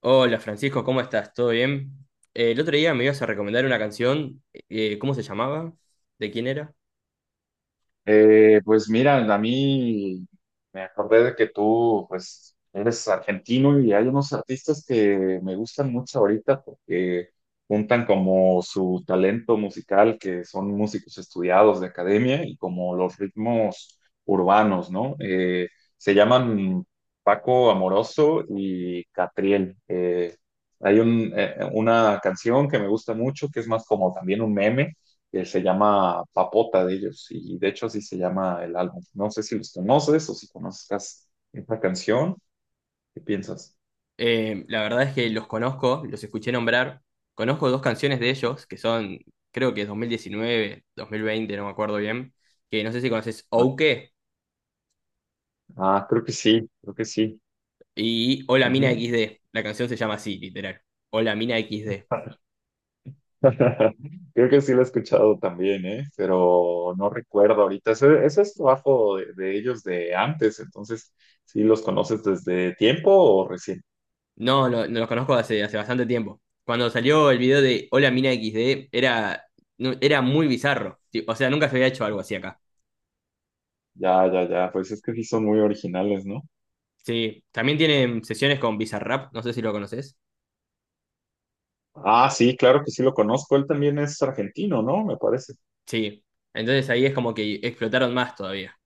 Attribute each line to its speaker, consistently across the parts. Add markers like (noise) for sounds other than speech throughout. Speaker 1: Hola Francisco, ¿cómo estás? ¿Todo bien? El otro día me ibas a recomendar una canción, ¿cómo se llamaba? ¿De quién era?
Speaker 2: Pues mira, a mí me acordé de que tú, pues, eres argentino y hay unos artistas que me gustan mucho ahorita porque juntan como su talento musical, que son músicos estudiados de academia, y como los ritmos urbanos, ¿no? Se llaman Paco Amoroso y Catriel. Hay una canción que me gusta mucho, que es más como también un meme que se llama Papota de ellos, y de hecho así se llama el álbum. No sé si los conoces o si conozcas esta canción. ¿Qué piensas?
Speaker 1: La verdad es que los conozco, los escuché nombrar. Conozco dos canciones de ellos, que son, creo que es 2019, 2020, no me acuerdo bien, que no sé si conoces
Speaker 2: Ah,
Speaker 1: Ouke
Speaker 2: ah, creo que sí, creo que sí.
Speaker 1: y Hola Mina
Speaker 2: Ujú.
Speaker 1: XD. La canción se llama así, literal. Hola Mina XD.
Speaker 2: (laughs) Creo que sí lo he escuchado también, ¿eh? Pero no recuerdo ahorita. Ese es trabajo de ellos de antes, entonces, ¿sí los conoces desde tiempo o recién?
Speaker 1: No, no, no los conozco hace, bastante tiempo. Cuando salió el video de Hola Mina XD, era, era muy bizarro. Sí, o sea, nunca se había hecho algo así acá.
Speaker 2: Ya, ya, ya, pues es que sí son muy originales, ¿no?
Speaker 1: Sí, también tienen sesiones con Bizarrap, no sé si lo conoces.
Speaker 2: Ah, sí, claro que sí lo conozco. Él también es argentino, ¿no? Me parece.
Speaker 1: Sí, entonces ahí es como que explotaron más todavía.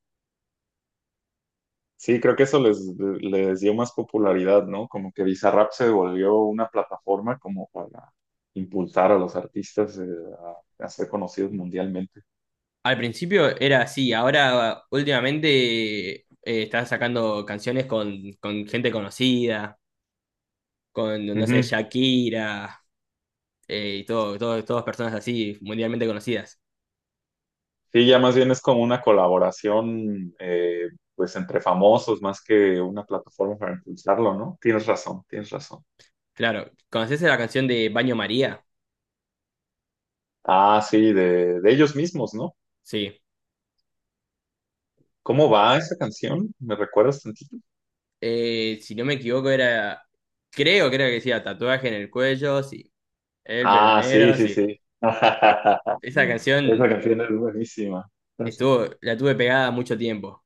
Speaker 2: Sí, creo que eso les dio más popularidad, ¿no? Como que Bizarrap se volvió una plataforma como para impulsar a los artistas, a ser conocidos mundialmente.
Speaker 1: Al principio era así, ahora últimamente está sacando canciones con gente conocida, con, no sé,
Speaker 2: Ujú.
Speaker 1: Shakira, y todas personas así, mundialmente conocidas.
Speaker 2: Sí, ya más bien es como una colaboración, pues entre famosos más que una plataforma para impulsarlo, ¿no? Tienes razón, tienes razón.
Speaker 1: Claro, ¿conoces la canción de Baño María?
Speaker 2: Ah, sí, de ellos mismos, ¿no?
Speaker 1: Sí.
Speaker 2: ¿Cómo va esa canción? ¿Me recuerdas tantito?
Speaker 1: Si no me equivoco era, creo que decía tatuaje en el cuello, sí. El pelo
Speaker 2: Ah, sí,
Speaker 1: negro,
Speaker 2: sí,
Speaker 1: sí.
Speaker 2: sí.
Speaker 1: Esa
Speaker 2: (laughs) Esa
Speaker 1: canción
Speaker 2: canción es buenísima.
Speaker 1: estuvo, la tuve pegada mucho tiempo.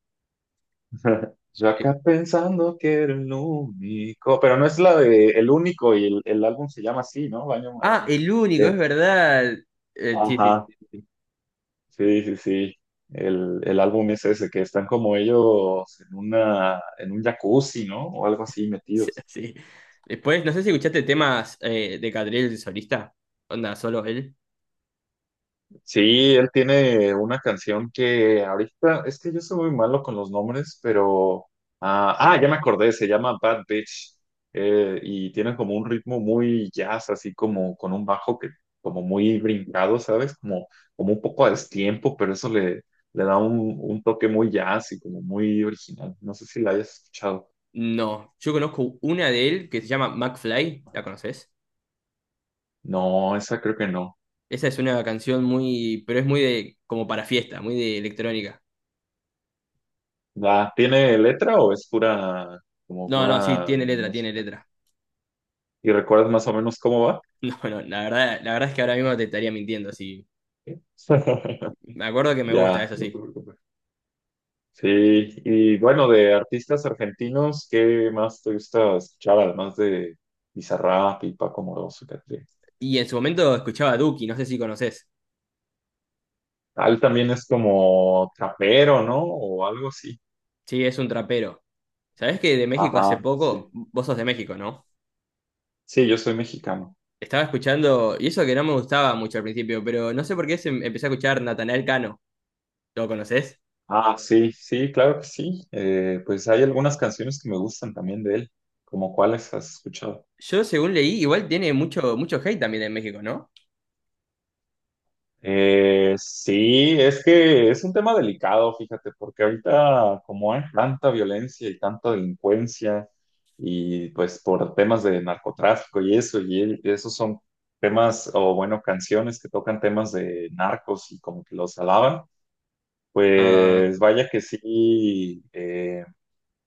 Speaker 2: (laughs) Yo
Speaker 1: Eh,
Speaker 2: acá pensando que era el único, pero no es la de El Único, y el álbum se llama así, ¿no? Baño
Speaker 1: ah,
Speaker 2: Madre.
Speaker 1: el único,
Speaker 2: Eh,
Speaker 1: es verdad. Sí, sí, sí,
Speaker 2: Ajá,
Speaker 1: sí, sí.
Speaker 2: sí, sí, sí. El álbum es ese, que están como ellos en un jacuzzi, ¿no? O algo así
Speaker 1: (laughs)
Speaker 2: metidos.
Speaker 1: Sí. Después, no sé si escuchaste temas de Catriel el solista. Onda, solo él.
Speaker 2: Sí, él tiene una canción que ahorita, es que yo soy muy malo con los nombres, pero... Ah, ah, ya me acordé, se llama Bad Bitch. Y tiene como un ritmo muy jazz, así como con un bajo que como muy brincado, ¿sabes? Como un poco a destiempo, pero eso le da un toque muy jazz y como muy original. No sé si la hayas escuchado.
Speaker 1: No, yo conozco una de él que se llama McFly, ¿la conoces?
Speaker 2: No, esa creo que no.
Speaker 1: Esa es una canción muy, pero es muy de, como para fiesta, muy de electrónica.
Speaker 2: ¿La tiene letra o es pura, como
Speaker 1: No, no, sí,
Speaker 2: pura
Speaker 1: tiene letra, tiene
Speaker 2: música?
Speaker 1: letra. (laughs)
Speaker 2: ¿Y recuerdas más o menos cómo va?
Speaker 1: No, no, la verdad, es que ahora mismo te estaría mintiendo, sí.
Speaker 2: (laughs)
Speaker 1: Me acuerdo que me gusta,
Speaker 2: Ya,
Speaker 1: eso
Speaker 2: no te
Speaker 1: sí.
Speaker 2: preocupes. Sí, y bueno, de artistas argentinos, ¿qué más te gusta escuchar? Además de Bizarrap y Paco Moroso,
Speaker 1: Y en su momento escuchaba a Duki, no sé si conoces.
Speaker 2: Ah, también es como trapero, ¿no? O algo así.
Speaker 1: Sí, es un trapero. ¿Sabés que de México hace
Speaker 2: Ajá,
Speaker 1: poco?
Speaker 2: sí.
Speaker 1: Vos sos de México, ¿no?
Speaker 2: Sí, yo soy mexicano.
Speaker 1: Estaba escuchando, y eso que no me gustaba mucho al principio, pero no sé por qué empecé a escuchar Natanael Cano. ¿Lo conocés?
Speaker 2: Ah, sí, sí, claro que sí. Pues hay algunas canciones que me gustan también de él. ¿Como cuáles has escuchado?
Speaker 1: Yo, según leí, igual tiene mucho, mucho hate también en México, ¿no?
Speaker 2: Sí, es que es un tema delicado, fíjate, porque ahorita como hay tanta violencia y tanta delincuencia y pues por temas de narcotráfico y eso, y esos son temas, o bueno, canciones que tocan temas de narcos y como que los alaban,
Speaker 1: Ah,
Speaker 2: pues vaya que sí.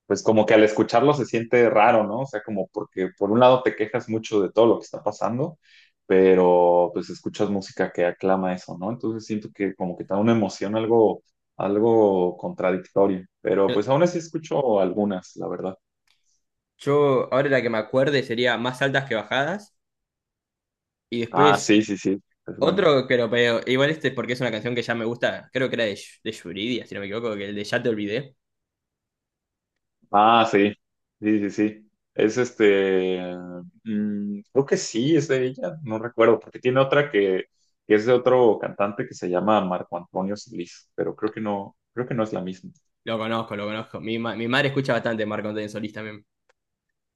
Speaker 2: Pues como que al escucharlo se siente raro, ¿no? O sea, como porque por un lado te quejas mucho de todo lo que está pasando, pero pues escuchas música que aclama eso, ¿no? Entonces siento que como que te da una emoción algo contradictorio, pero pues aún así escucho algunas, la verdad.
Speaker 1: yo, ahora la que me acuerde sería Más altas que bajadas. Y
Speaker 2: Ah,
Speaker 1: después,
Speaker 2: sí, sí, sí, es bueno.
Speaker 1: otro que lo veo, igual este es porque es una canción que ya me gusta, creo que era de, de Yuridia, si no me equivoco, que el de Ya te olvidé.
Speaker 2: Ah, sí, sí, sí, sí. Es este, creo que sí, es de ella, no recuerdo, porque tiene otra que es de otro cantante que se llama Marco Antonio Solís, pero creo que no es la misma.
Speaker 1: Lo conozco, lo conozco. Mi madre escucha bastante Marco Antonio Solís también.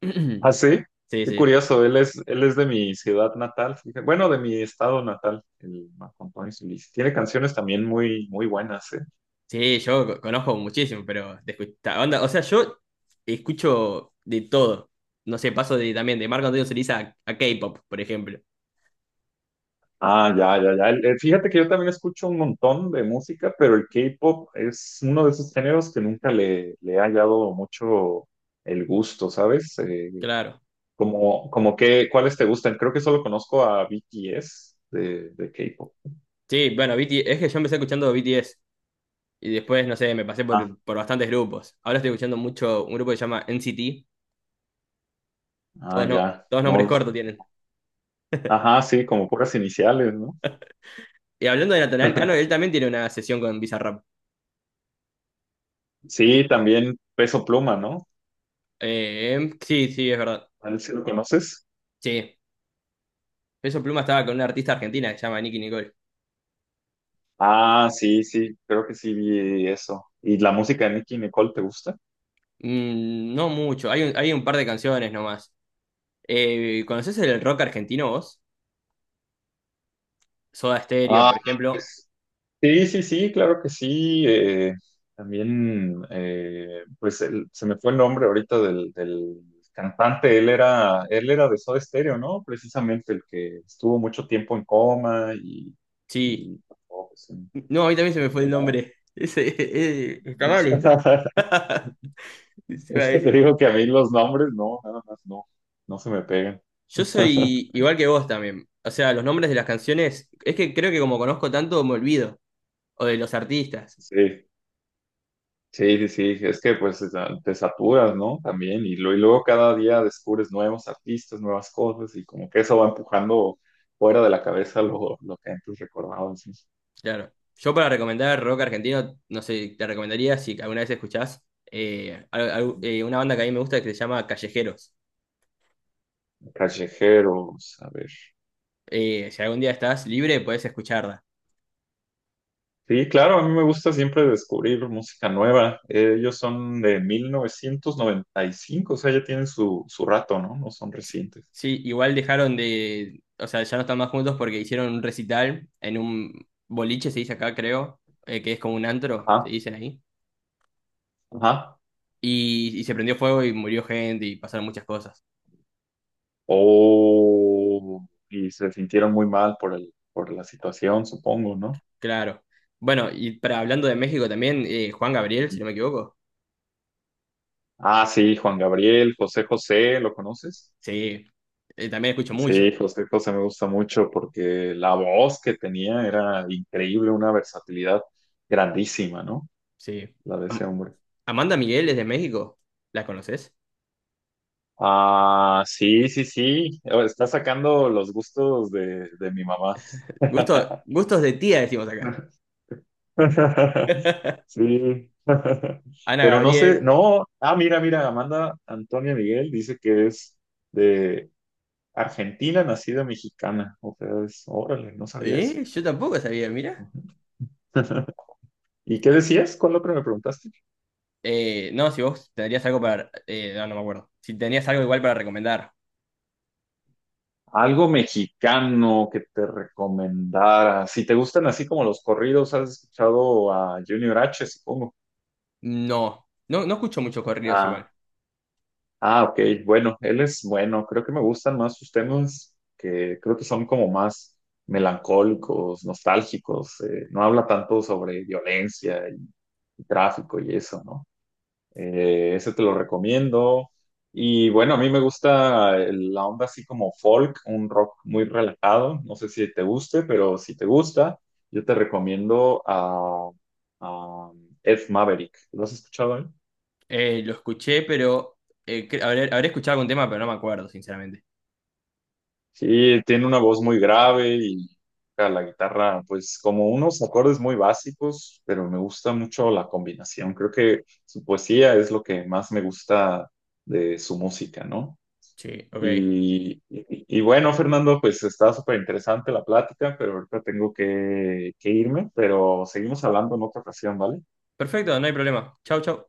Speaker 1: (clears throat)
Speaker 2: Ah, sí,
Speaker 1: Sí,
Speaker 2: qué
Speaker 1: sí.
Speaker 2: curioso, él es de mi ciudad natal, fíjate. Bueno, de mi estado natal, el Marco Antonio Solís. Tiene canciones también muy, muy buenas, ¿eh?
Speaker 1: Sí, yo conozco muchísimo, pero de onda, o sea, yo escucho de todo. No sé, paso de también de Marco Antonio Solís a, K-pop, por ejemplo.
Speaker 2: Ah, ya, ya, ya. Fíjate que yo también escucho un montón de música, pero el K-pop es uno de esos géneros que nunca le he hallado mucho el gusto, ¿sabes?
Speaker 1: Claro.
Speaker 2: Como que, ¿cuáles te gustan? Creo que solo conozco a BTS de K-pop.
Speaker 1: Sí, bueno, BT es que yo empecé escuchando BTS y después, no sé, me pasé
Speaker 2: Ah,
Speaker 1: por, bastantes grupos. Ahora estoy escuchando mucho un grupo que se llama NCT.
Speaker 2: ah,
Speaker 1: Todos, no,
Speaker 2: ya.
Speaker 1: todos
Speaker 2: No
Speaker 1: nombres
Speaker 2: los.
Speaker 1: cortos tienen.
Speaker 2: Ajá, sí, como puras iniciales, ¿no?
Speaker 1: Y hablando de Natanael Cano, él
Speaker 2: (laughs)
Speaker 1: también tiene una sesión con Bizarrap.
Speaker 2: Sí, también Peso Pluma, ¿no?
Speaker 1: Sí, sí, es verdad.
Speaker 2: A ver si lo conoces.
Speaker 1: Sí. Peso Pluma estaba con una artista argentina que se llama Nicki Nicole.
Speaker 2: Ah, sí, sí, creo que sí vi eso. ¿Y la música de Nicki Nicole te gusta?
Speaker 1: No mucho, hay un par de canciones nomás. ¿Conocés el rock argentino vos? Soda Stereo,
Speaker 2: Ah,
Speaker 1: por ejemplo.
Speaker 2: pues, sí, sí, sí, claro que sí. También, pues se me fue el nombre ahorita del cantante. Él era de Soda Stereo, ¿no? Precisamente el que estuvo mucho tiempo en coma y,
Speaker 1: Sí.
Speaker 2: y oh, pues,
Speaker 1: No, a mí también se me
Speaker 2: ¿cómo se
Speaker 1: fue el
Speaker 2: llamaba?
Speaker 1: nombre. (laughs) Ese, está mal esto.
Speaker 2: (laughs)
Speaker 1: (laughs) Se me va a
Speaker 2: Es que te
Speaker 1: decir.
Speaker 2: digo que a mí los nombres, no, nada más no se me pegan.
Speaker 1: Yo soy
Speaker 2: (laughs)
Speaker 1: igual que vos también. O sea, los nombres de las canciones, es que creo que como conozco tanto, me olvido. O de los artistas.
Speaker 2: Sí. Sí, sí, sí, es que pues te saturas, ¿no? También, y, y luego cada día descubres nuevos artistas, nuevas cosas, y como que eso va empujando fuera de la cabeza lo que antes recordabas, ¿no?
Speaker 1: Claro. Yo para recomendar rock argentino, no sé, te recomendaría si alguna vez escuchás una banda que a mí me gusta que se llama Callejeros.
Speaker 2: Callejeros, a ver.
Speaker 1: Si algún día estás libre, podés escucharla.
Speaker 2: Sí, claro, a mí me gusta siempre descubrir música nueva. Ellos son de 1995, o sea, ya tienen su, su rato, ¿no? No son recientes.
Speaker 1: Sí, igual dejaron de, o sea, ya no están más juntos porque hicieron un recital en un boliche, se dice acá, creo, que es como un antro, se
Speaker 2: Ajá,
Speaker 1: dicen ahí.
Speaker 2: ajá.
Speaker 1: Y se prendió fuego y murió gente y pasaron muchas cosas.
Speaker 2: Oh, y se sintieron muy mal por la situación, supongo, ¿no?
Speaker 1: Claro. Bueno, y para hablando de México también, Juan Gabriel, si no me equivoco.
Speaker 2: Ah, sí, Juan Gabriel, José José, ¿lo conoces?
Speaker 1: Sí, también escucho
Speaker 2: Sí,
Speaker 1: mucho.
Speaker 2: José José me gusta mucho porque la voz que tenía era increíble, una versatilidad grandísima, ¿no?
Speaker 1: Sí.
Speaker 2: La de ese
Speaker 1: Am-
Speaker 2: hombre.
Speaker 1: Amanda Miguel es de México. ¿La conoces?
Speaker 2: Ah, sí, sí, sí. Oh, está sacando los gustos de mi mamá.
Speaker 1: Gusto, gustos de tía, decimos acá.
Speaker 2: (laughs) Sí, (laughs)
Speaker 1: Ana
Speaker 2: pero no sé,
Speaker 1: Gabriel.
Speaker 2: no, ah, mira, mira, Amanda Antonia Miguel dice que es de Argentina, nacida mexicana, o sea, es, órale, no sabía eso.
Speaker 1: ¿Eh? Yo tampoco sabía, mira.
Speaker 2: (laughs) ¿Y qué decías? ¿Cuál otro me preguntaste?
Speaker 1: No, si vos tendrías algo para, no, no me acuerdo. Si tenías algo igual para recomendar.
Speaker 2: Algo mexicano que te recomendara. Si te gustan así como los corridos, has escuchado a Junior H, supongo.
Speaker 1: No, no, no escucho muchos corridos
Speaker 2: Ah,
Speaker 1: igual.
Speaker 2: ah, ok. Bueno, él es bueno. Creo que me gustan más sus temas que creo que son como más melancólicos, nostálgicos. No habla tanto sobre violencia y tráfico y eso, ¿no? Ese te lo recomiendo. Y bueno, a mí me gusta la onda así como folk, un rock muy relajado. No sé si te guste, pero si te gusta, yo te recomiendo a Ed Maverick. ¿Lo has escuchado él?
Speaker 1: Lo escuché, pero habré, escuchado algún tema, pero no me acuerdo, sinceramente.
Speaker 2: Sí, tiene una voz muy grave y toca la guitarra, pues como unos acordes muy básicos, pero me gusta mucho la combinación. Creo que su poesía es lo que más me gusta de su música, ¿no?
Speaker 1: Sí, ok.
Speaker 2: Y bueno, Fernando, pues está súper interesante la plática, pero ahorita tengo que irme, pero seguimos hablando en otra ocasión, ¿vale?
Speaker 1: Perfecto, no hay problema. Chau, chau.